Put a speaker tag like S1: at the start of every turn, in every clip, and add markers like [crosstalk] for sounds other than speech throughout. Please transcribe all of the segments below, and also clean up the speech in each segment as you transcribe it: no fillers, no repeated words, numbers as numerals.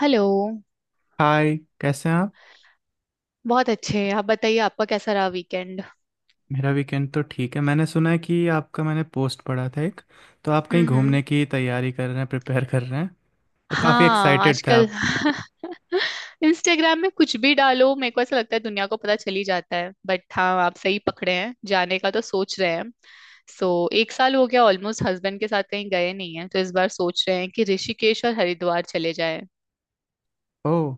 S1: Hello.
S2: Hi, कैसे हैं आप।
S1: बहुत अच्छे, आप बताइए आपका कैसा रहा वीकेंड?
S2: मेरा वीकेंड तो ठीक है। मैंने सुना है कि आपका मैंने पोस्ट पढ़ा था एक। तो आप कहीं
S1: हम्म।
S2: घूमने की तैयारी कर रहे हैं, प्रिपेयर कर रहे हैं, और काफ़ी
S1: हाँ,
S2: एक्साइटेड थे
S1: आजकल
S2: आप।
S1: [laughs] इंस्टाग्राम में कुछ भी डालो मेरे को ऐसा लगता है दुनिया को पता चल ही जाता है। बट हाँ, आप सही पकड़े हैं, जाने का तो सोच रहे हैं। सो एक साल हो गया ऑलमोस्ट हस्बैंड के साथ कहीं गए नहीं है, तो इस बार सोच रहे हैं कि ऋषिकेश और हरिद्वार चले जाएं।
S2: ओह,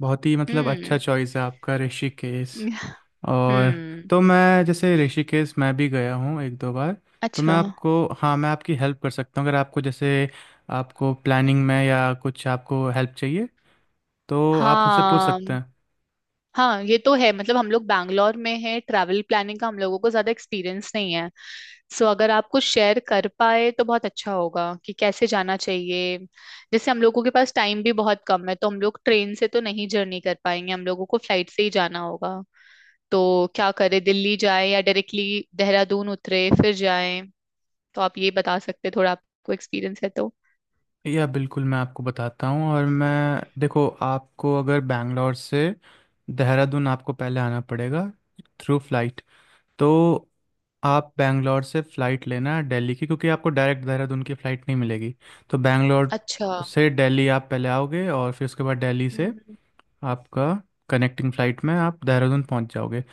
S2: बहुत ही मतलब अच्छा
S1: हम्म।
S2: चॉइस है आपका, ऋषिकेश।
S1: [laughs]
S2: और
S1: हम्म।
S2: तो मैं जैसे ऋषिकेश मैं भी गया हूँ एक दो बार। तो
S1: अच्छा।
S2: मैं आपको हाँ, मैं आपकी हेल्प कर सकता हूँ अगर आपको जैसे आपको प्लानिंग में या कुछ आपको हेल्प चाहिए तो आप मुझसे पूछ
S1: हाँ
S2: सकते हैं।
S1: हाँ, ये तो है। मतलब हम लोग बैंगलोर में हैं, ट्रैवल प्लानिंग का हम लोगों को ज्यादा एक्सपीरियंस नहीं है। सो अगर आप कुछ शेयर कर पाए तो बहुत अच्छा होगा कि कैसे जाना चाहिए। जैसे हम लोगों के पास टाइम भी बहुत कम है, तो हम लोग ट्रेन से तो नहीं जर्नी कर पाएंगे, हम लोगों को फ्लाइट से ही जाना होगा। तो क्या करे, दिल्ली जाए या डायरेक्टली देहरादून उतरे फिर जाए? तो आप ये बता सकते हैं, थोड़ा आपको एक्सपीरियंस है तो।
S2: या बिल्कुल, मैं आपको बताता हूँ। और मैं देखो, आपको अगर बैंगलोर से देहरादून आपको पहले आना पड़ेगा, थ्रू फ्लाइट। तो आप बैंगलोर से फ़्लाइट लेना है दिल्ली की, क्योंकि आपको डायरेक्ट देहरादून की फ़्लाइट नहीं मिलेगी। तो बैंगलोर
S1: अच्छा।
S2: से दिल्ली आप पहले आओगे और फिर उसके बाद दिल्ली से
S1: हम्म।
S2: आपका कनेक्टिंग फ़्लाइट में आप देहरादून पहुंच जाओगे।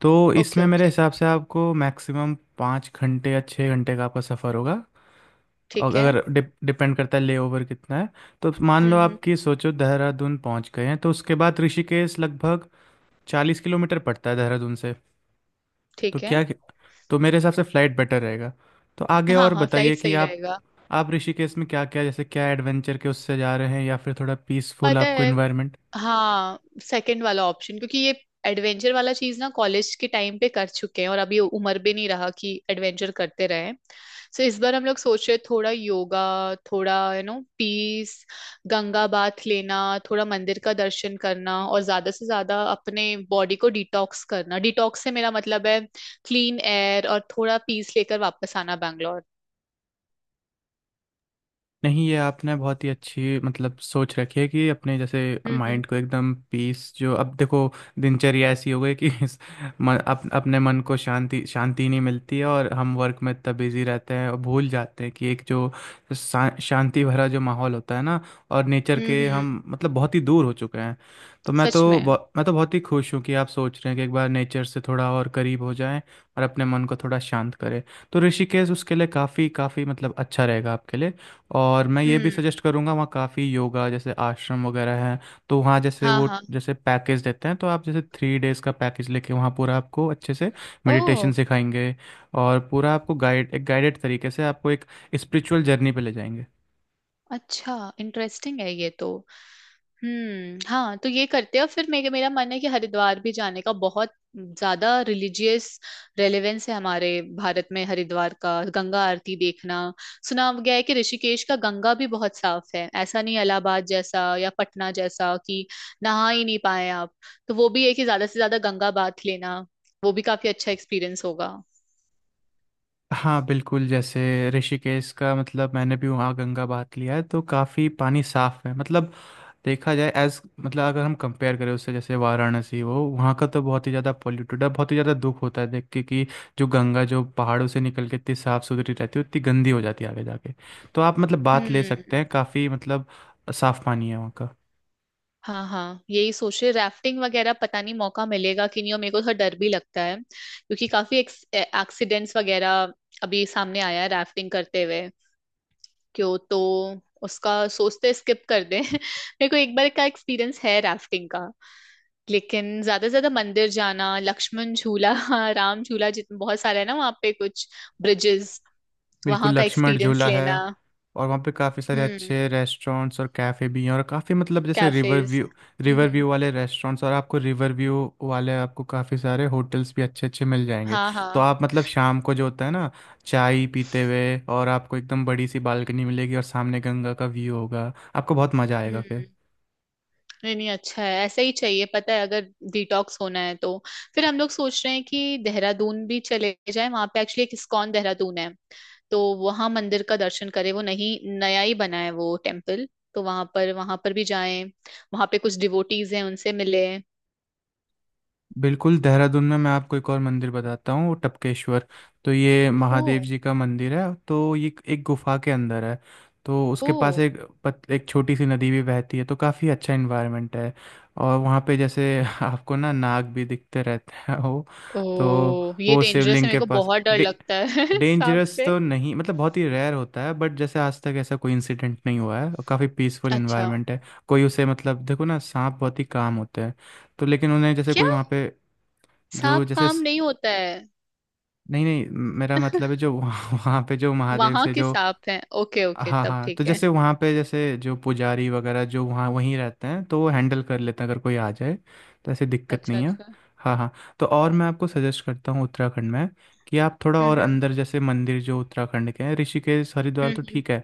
S2: तो
S1: ओके
S2: इसमें मेरे
S1: ओके,
S2: हिसाब से आपको मैक्सिमम 5 घंटे या 6 घंटे का आपका सफ़र होगा। और
S1: ठीक है।
S2: अगर डिपेंड करता है लेओवर कितना है। तो मान लो
S1: हम्म।
S2: आपकी सोचो देहरादून पहुंच गए हैं, तो उसके बाद ऋषिकेश लगभग 40 किलोमीटर पड़ता है देहरादून से। तो
S1: ठीक है।
S2: क्या, तो मेरे हिसाब से फ्लाइट बेटर रहेगा। तो आगे
S1: हाँ
S2: और
S1: हाँ,
S2: बताइए
S1: फ्लाइट
S2: कि
S1: सही
S2: आप
S1: रहेगा।
S2: आप ऋषिकेश में क्या क्या जैसे क्या एडवेंचर के उससे जा रहे हैं या फिर थोड़ा पीसफुल
S1: पता
S2: आपको
S1: है,
S2: इन्वायरमेंट।
S1: हाँ, सेकंड वाला ऑप्शन, क्योंकि ये एडवेंचर वाला चीज ना कॉलेज के टाइम पे कर चुके हैं, और अभी उम्र भी नहीं रहा कि एडवेंचर करते रहें। सो इस बार हम लोग सोच रहे थोड़ा योगा, थोड़ा you know peace, Ganga bath लेना, थोड़ा मंदिर का दर्शन करना, और ज्यादा से ज्यादा अपने बॉडी को डिटॉक्स करना। डिटॉक्स से मेरा मतलब है क्लीन एयर और थोड़ा पीस लेकर वापस आना बैंगलोर।
S2: नहीं, ये आपने बहुत ही अच्छी मतलब सोच रखी है कि अपने जैसे
S1: हम्म।
S2: माइंड को एकदम पीस। जो अब देखो दिनचर्या ऐसी हो गई कि [laughs] इस अपने मन को शांति शांति नहीं मिलती है और हम वर्क में इतना बिजी रहते हैं और भूल जाते हैं कि एक जो शांति भरा जो माहौल होता है ना, और नेचर
S1: हम्म
S2: के
S1: हम्म,
S2: हम मतलब बहुत ही दूर हो चुके हैं। तो मैं
S1: सच
S2: तो
S1: में।
S2: मैं तो बहुत ही खुश हूँ कि आप सोच रहे हैं कि एक बार नेचर से थोड़ा और करीब हो जाएं और अपने मन को थोड़ा शांत करें। तो ऋषिकेश उसके लिए काफ़ी काफ़ी मतलब अच्छा रहेगा आपके लिए। और मैं ये भी
S1: हम्म।
S2: सजेस्ट करूँगा वहाँ काफ़ी योगा जैसे आश्रम वगैरह है। तो वहाँ जैसे
S1: हाँ
S2: वो
S1: हाँ।
S2: जैसे पैकेज देते हैं, तो आप जैसे 3 days का पैकेज लेके वहाँ पूरा आपको अच्छे से मेडिटेशन
S1: ओह।
S2: सिखाएंगे। और पूरा आपको गाइड एक गाइडेड तरीके से आपको एक स्पिरिचुअल जर्नी पे ले जाएंगे।
S1: अच्छा, इंटरेस्टिंग है ये तो। हम्म, हाँ तो ये करते हैं। और फिर मेरे मेरा मन है कि हरिद्वार भी जाने का। बहुत ज्यादा रिलीजियस रेलेवेंस है हमारे भारत में हरिद्वार का, गंगा आरती देखना। सुना गया है कि ऋषिकेश का गंगा भी बहुत साफ है, ऐसा नहीं इलाहाबाद जैसा या पटना जैसा कि नहा ही नहीं पाए आप। तो वो भी है कि ज्यादा से ज्यादा गंगा बाथ लेना, वो भी काफी अच्छा एक्सपीरियंस होगा।
S2: हाँ बिल्कुल जैसे ऋषिकेश का मतलब मैंने भी वहाँ गंगा बहात लिया है तो काफ़ी पानी साफ है मतलब। देखा जाए एज मतलब अगर हम कंपेयर करें उससे जैसे वाराणसी वो, वहाँ का तो बहुत ही ज़्यादा पॉल्यूटेड है, बहुत ही ज़्यादा दुख होता है देख के कि जो गंगा जो पहाड़ों से निकल के इतनी साफ़ सुथरी रहती है उतनी गंदी हो जाती है आगे जाके। तो आप मतलब बात ले सकते
S1: हम्म।
S2: हैं, काफ़ी मतलब साफ़ पानी है वहाँ का।
S1: हाँ हाँ, यही सोच रहे। राफ्टिंग वगैरह पता नहीं मौका मिलेगा कि नहीं, और मेरे को थोड़ा डर भी लगता है, क्योंकि काफी एक्सीडेंट्स वगैरह अभी सामने आया है राफ्टिंग करते हुए। क्यों तो उसका सोचते स्किप कर दें। [laughs] मेरे को एक बार का एक्सपीरियंस है राफ्टिंग का। लेकिन ज्यादा से ज्यादा मंदिर जाना, लक्ष्मण झूला, [laughs] हाँ, राम झूला, जितने बहुत सारे है ना वहाँ पे कुछ ब्रिजेस,
S2: बिल्कुल,
S1: वहाँ का
S2: लक्ष्मण
S1: एक्सपीरियंस
S2: झूला है
S1: लेना।
S2: और वहाँ पे काफ़ी सारे
S1: हम्म,
S2: अच्छे रेस्टोरेंट्स और कैफ़े भी हैं और काफ़ी मतलब जैसे river
S1: cafes.
S2: View,
S1: hmm.
S2: River view वाले रेस्टोरेंट्स, और आपको रिवर व्यू वाले आपको काफ़ी सारे होटल्स भी अच्छे अच्छे मिल जाएंगे।
S1: हाँ
S2: तो
S1: हाँ।
S2: आप मतलब शाम को जो होता है ना चाय पीते हुए, और आपको एकदम बड़ी सी बालकनी मिलेगी और सामने गंगा का व्यू होगा, आपको बहुत मज़ा आएगा।
S1: हम्म। नहीं नहीं, अच्छा है, ऐसा ही चाहिए। पता है, अगर डिटॉक्स होना है तो। फिर हम लोग सोच रहे हैं कि देहरादून भी चले जाएं, वहां पे एक्चुअली एक इस्कॉन देहरादून है, तो वहां मंदिर का दर्शन करें। वो नहीं नया ही बना है वो टेम्पल, तो वहां पर भी जाएं, वहां पे कुछ डिवोटीज हैं उनसे मिले।
S2: बिल्कुल, देहरादून में मैं आपको एक और मंदिर बताता हूँ, टपकेश्वर। तो ये
S1: ओ।
S2: महादेव जी का मंदिर है, तो ये एक गुफा के अंदर है। तो उसके
S1: ओ।
S2: पास एक एक छोटी सी नदी भी बहती है, तो काफ़ी अच्छा इन्वायरमेंट है। और वहाँ पे जैसे [laughs] आपको ना नाग भी दिखते रहते हैं वो।
S1: ओ,
S2: तो
S1: ये
S2: वो
S1: डेंजरस है,
S2: शिवलिंग
S1: मेरे
S2: के
S1: को
S2: पास
S1: बहुत डर लगता है [laughs] सांप
S2: डेंजरस
S1: से।
S2: तो नहीं, मतलब बहुत ही रेयर होता है, बट जैसे आज तक ऐसा कोई इंसिडेंट नहीं हुआ है और काफ़ी पीसफुल
S1: अच्छा,
S2: इन्वायरमेंट है। कोई उसे मतलब देखो ना सांप बहुत ही काम होते हैं। तो लेकिन उन्हें जैसे
S1: क्या
S2: कोई वहाँ पे जो
S1: सांप
S2: जैसे
S1: काम नहीं होता है?
S2: नहीं नहीं। मेरा मतलब है जो वहाँ [laughs] वहाँ पे जो महादेव
S1: वहां
S2: से
S1: के
S2: जो।
S1: सांप हैं, ओके ओके,
S2: हाँ
S1: तब
S2: हाँ, तो
S1: ठीक है।
S2: जैसे वहाँ पे जैसे जो पुजारी वगैरह जो वहाँ वहीं रहते हैं तो वो हैंडल कर लेते हैं अगर कोई आ जाए तो ऐसी दिक्कत
S1: अच्छा
S2: नहीं है।
S1: अच्छा।
S2: हाँ हाँ। तो और मैं आपको सजेस्ट करता हूँ उत्तराखंड में कि आप थोड़ा और
S1: हम्म
S2: अंदर जैसे मंदिर जो उत्तराखंड के हैं, ऋषिकेश हरिद्वार
S1: हम्म।
S2: तो ठीक है,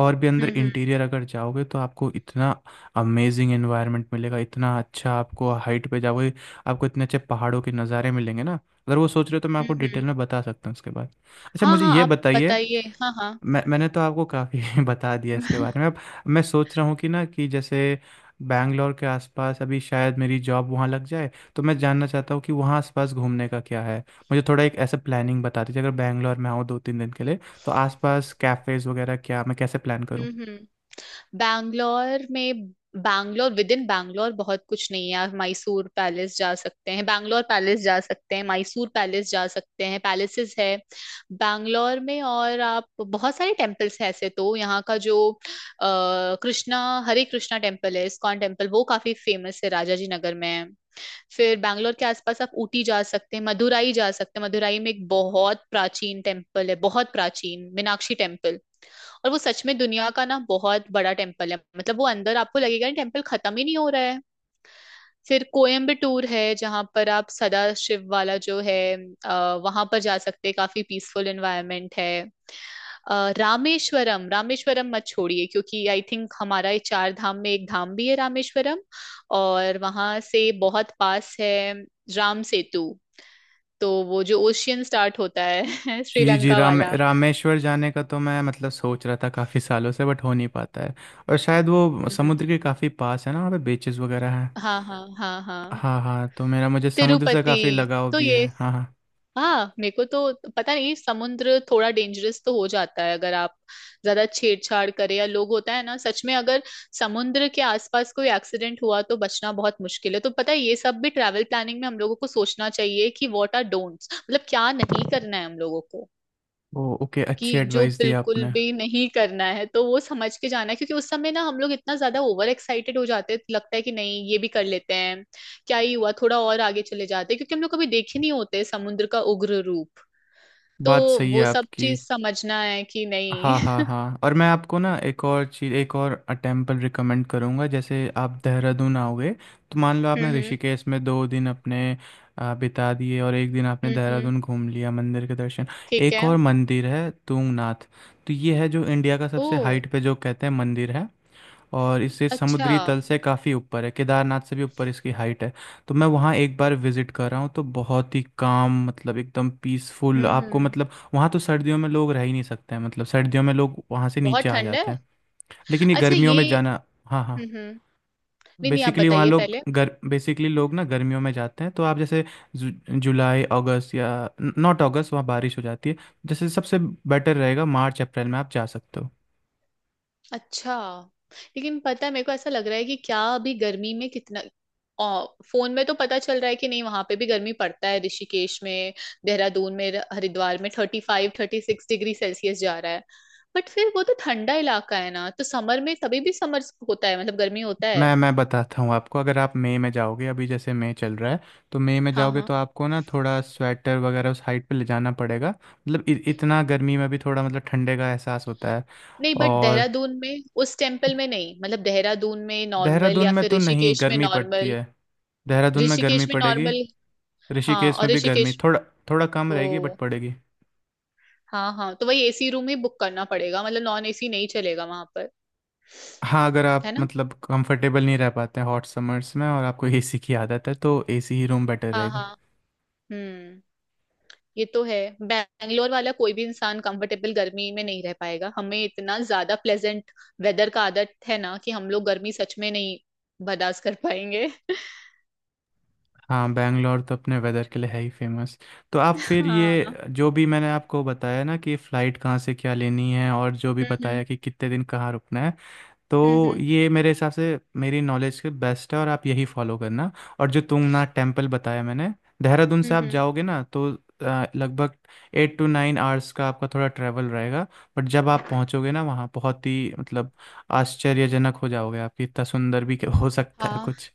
S2: और भी अंदर
S1: हम्म।
S2: इंटीरियर अगर जाओगे तो आपको इतना अमेजिंग एनवायरनमेंट मिलेगा, इतना अच्छा, आपको हाइट पे जाओगे आपको इतने अच्छे पहाड़ों के नज़ारे मिलेंगे ना। अगर वो सोच रहे हो तो मैं आपको
S1: हम्म।
S2: डिटेल
S1: हम्म।
S2: में बता सकता हूँ उसके बाद। अच्छा,
S1: हाँ
S2: मुझे
S1: हाँ,
S2: ये
S1: आप
S2: बताइए।
S1: बताइए, हाँ हाँ।
S2: मैंने तो आपको काफ़ी [laughs] बता दिया इसके
S1: [laughs]
S2: बारे में। अब मैं सोच रहा हूँ कि ना कि जैसे बैंगलोर के आसपास अभी शायद मेरी जॉब वहाँ लग जाए, तो मैं जानना चाहता हूँ कि वहाँ आसपास घूमने का क्या है। मुझे थोड़ा एक ऐसा प्लानिंग बता दीजिए अगर बैंगलोर में आऊँ दो तीन दिन के लिए, तो आसपास कैफ़ेज़ वगैरह क्या मैं कैसे प्लान करूँ।
S1: हम्म। बैंगलोर में, बैंगलोर विद इन बैंगलोर बहुत कुछ नहीं है। आप मैसूर पैलेस जा सकते हैं, बैंगलोर पैलेस जा सकते हैं, मैसूर पैलेस जा सकते हैं, पैलेसेस है बैंगलोर में। और आप, बहुत सारे टेम्पल्स हैं ऐसे तो। यहाँ का जो कृष्णा, हरे कृष्णा टेम्पल है, इस्कॉन टेम्पल, वो काफी फेमस है राजाजी नगर में। फिर बैंगलोर के आसपास आप ऊटी जा सकते हैं, मदुराई जा सकते हैं। मदुराई में एक बहुत प्राचीन टेम्पल है, बहुत प्राचीन मीनाक्षी टेम्पल, और वो सच में दुनिया का ना बहुत बड़ा टेम्पल है। मतलब वो अंदर आपको लगेगा टेम्पल खत्म ही नहीं हो रहा है। फिर कोयम्बटूर है जहाँ पर आप सदा शिव वाला जो है वहां पर जा सकते हैं, काफी पीसफुल एनवायरनमेंट है। रामेश्वरम, रामेश्वरम मत छोड़िए, क्योंकि आई थिंक हमारा ये चार धाम में एक धाम भी है रामेश्वरम। और वहां से बहुत पास है राम सेतु, तो वो जो ओशियन स्टार्ट होता है [laughs]
S2: जी जी,
S1: श्रीलंका
S2: राम
S1: वाला।
S2: रामेश्वर जाने का तो मैं मतलब सोच रहा था काफ़ी सालों से बट हो नहीं पाता है। और शायद वो
S1: हम्म।
S2: समुद्र के काफ़ी पास है ना, वहाँ पे बीचेस वगैरह हैं।
S1: हाँ हाँ हाँ हाँ।
S2: हाँ हाँ, तो मेरा मुझे समुद्र से काफ़ी
S1: तिरुपति,
S2: लगाव
S1: तो
S2: भी
S1: ये।
S2: है। हाँ हाँ।
S1: हाँ मेरे को तो पता नहीं, समुद्र थोड़ा डेंजरस तो हो जाता है अगर आप ज्यादा छेड़छाड़ करें। या लोग, होता है ना सच में, अगर समुद्र के आसपास कोई एक्सीडेंट हुआ तो बचना बहुत मुश्किल है। तो पता है, ये सब भी ट्रैवल प्लानिंग में हम लोगों को सोचना चाहिए कि व्हाट आर डोंट्स, मतलब क्या नहीं करना है हम लोगों को,
S2: ओ ओके, अच्छी
S1: कि जो
S2: एडवाइस दी
S1: बिल्कुल
S2: आपने।
S1: भी नहीं करना है, तो वो समझ के जाना है। क्योंकि उस समय ना हम लोग इतना ज्यादा ओवर एक्साइटेड हो जाते हैं, लगता है कि नहीं ये भी कर लेते हैं, क्या ही हुआ, थोड़ा और आगे चले जाते हैं, क्योंकि हम लोग कभी देखे नहीं होते समुद्र का उग्र रूप। तो
S2: बात सही है
S1: वो सब
S2: आपकी।
S1: चीज समझना है कि नहीं।
S2: हाँ हाँ हाँ, और मैं आपको ना एक और चीज़, एक और टेम्पल रिकमेंड करूँगा। जैसे आप देहरादून आओगे, तो मान लो
S1: [laughs]
S2: आपने
S1: हम्म।
S2: ऋषिकेश में 2 दिन अपने बिता दिए और एक दिन आपने
S1: हम्म हम्म,
S2: देहरादून घूम लिया मंदिर के दर्शन।
S1: ठीक
S2: एक
S1: है।
S2: और मंदिर है तूंगनाथ। तो ये है जो इंडिया का
S1: ओ।
S2: सबसे हाइट पे जो कहते हैं मंदिर है। और इसे
S1: अच्छा।
S2: समुद्री तल से काफ़ी ऊपर है, केदारनाथ से भी ऊपर इसकी हाइट है। तो मैं वहाँ एक बार विजिट कर रहा हूँ तो बहुत ही काम मतलब एकदम पीसफुल आपको,
S1: हम्म।
S2: मतलब वहाँ तो सर्दियों में लोग रह ही नहीं सकते हैं, मतलब सर्दियों में लोग वहाँ से नीचे
S1: बहुत
S2: आ
S1: ठंड है।
S2: जाते हैं। लेकिन ये
S1: अच्छा
S2: गर्मियों
S1: ये।
S2: में जाना। हाँ हाँ।
S1: हम्म। नहीं नहीं, आप
S2: बेसिकली वहाँ
S1: बताइए
S2: लोग
S1: पहले।
S2: गर बेसिकली लोग ना गर्मियों में जाते हैं, तो आप जैसे जु, जुलाई अगस्त या नॉट अगस्त वहाँ बारिश हो जाती है। जैसे सबसे बेटर रहेगा मार्च अप्रैल में आप जा सकते हो।
S1: अच्छा, लेकिन पता है मेरे को ऐसा लग रहा है कि क्या अभी गर्मी में कितना आ, फोन में तो पता चल रहा है कि नहीं वहां पे भी गर्मी पड़ता है। ऋषिकेश में, देहरादून में, हरिद्वार में 35-36 डिग्री सेल्सियस जा रहा है। बट फिर वो तो ठंडा इलाका है ना, तो समर में तभी भी समर होता है, मतलब गर्मी होता
S2: मैं
S1: है।
S2: मैं बताता हूँ आपको, अगर आप मई में जाओगे, अभी जैसे मई चल रहा है, तो मई में
S1: हाँ
S2: जाओगे
S1: हाँ।
S2: तो आपको ना थोड़ा स्वेटर वगैरह उस हाइट पे ले जाना पड़ेगा, मतलब इतना गर्मी में भी थोड़ा मतलब ठंडे का एहसास होता है।
S1: नहीं बट
S2: और
S1: देहरादून में, उस टेम्पल में नहीं, मतलब देहरादून में नॉर्मल,
S2: देहरादून
S1: या
S2: में
S1: फिर
S2: तो नहीं
S1: ऋषिकेश में
S2: गर्मी पड़ती
S1: नॉर्मल?
S2: है, देहरादून में गर्मी
S1: ऋषिकेश में
S2: पड़ेगी।
S1: नॉर्मल? हाँ,
S2: ऋषिकेश
S1: और
S2: में भी गर्मी
S1: ऋषिकेश?
S2: थोड़ा थोड़ा कम रहेगी बट
S1: ओ।
S2: पड़ेगी।
S1: हाँ हाँ, तो वही एसी रूम ही बुक करना पड़ेगा, मतलब नॉन एसी नहीं चलेगा वहां पर,
S2: हाँ, अगर आप
S1: है ना।
S2: मतलब कंफर्टेबल नहीं रह पाते हैं हॉट समर्स में और आपको एसी की आदत है तो एसी ही रूम बेटर
S1: हाँ
S2: रहेगा।
S1: हाँ। हम्म। ये तो है। बैंगलोर वाला कोई भी इंसान कंफर्टेबल गर्मी में नहीं रह पाएगा, हमें इतना ज्यादा प्लेजेंट वेदर का आदत है ना कि हम लोग गर्मी सच में नहीं बर्दाश्त कर पाएंगे। [laughs]
S2: हाँ, बैंगलोर तो अपने वेदर के लिए है ही फेमस। तो आप फिर
S1: हाँ।
S2: ये जो भी मैंने आपको बताया ना कि फ़्लाइट कहाँ से क्या लेनी है और जो भी
S1: हम्म
S2: बताया कि कितने दिन कहाँ रुकना है,
S1: हम्म।
S2: तो ये मेरे हिसाब से मेरी नॉलेज के बेस्ट है और आप यही फॉलो करना। और जो तुंगनाथ टेम्पल बताया मैंने, देहरादून
S1: हम्म।
S2: से आप
S1: हम्म हम्म,
S2: जाओगे ना तो लगभग 8-9 hours का आपका थोड़ा ट्रैवल रहेगा। बट जब आप पहुंचोगे ना वहाँ बहुत ही मतलब आश्चर्यजनक हो जाओगे आप कि इतना सुंदर भी [laughs] हो सकता है
S1: हाँ,
S2: कुछ।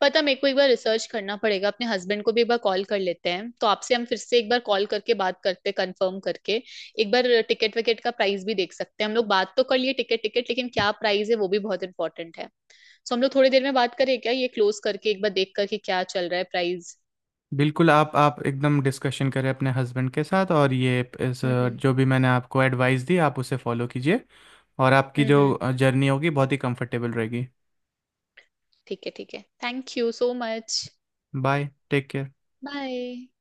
S1: पता, मेरे को एक बार रिसर्च करना पड़ेगा, अपने हस्बैंड को भी एक बार कॉल कर लेते हैं, तो आपसे हम फिर से एक बार कॉल करके बात करते, कंफर्म करके। एक बार टिकट विकेट का प्राइस भी देख सकते हैं हम लोग, बात तो कर लिए, टिकट टिकट लेकिन क्या प्राइस है वो भी बहुत इंपॉर्टेंट है। सो हम लोग थोड़ी देर में बात करें क्या, ये क्लोज करके एक बार देख करके क्या चल रहा है प्राइस।
S2: बिल्कुल, आप एकदम डिस्कशन करें अपने हस्बैंड के साथ, और ये इस
S1: हम्म।
S2: जो भी मैंने आपको एडवाइस दी आप उसे फॉलो कीजिए और आपकी
S1: हम्म हम्म,
S2: जो जर्नी होगी बहुत ही कंफर्टेबल रहेगी।
S1: ठीक है ठीक है, thank you so much.
S2: Bye, take care.
S1: Bye.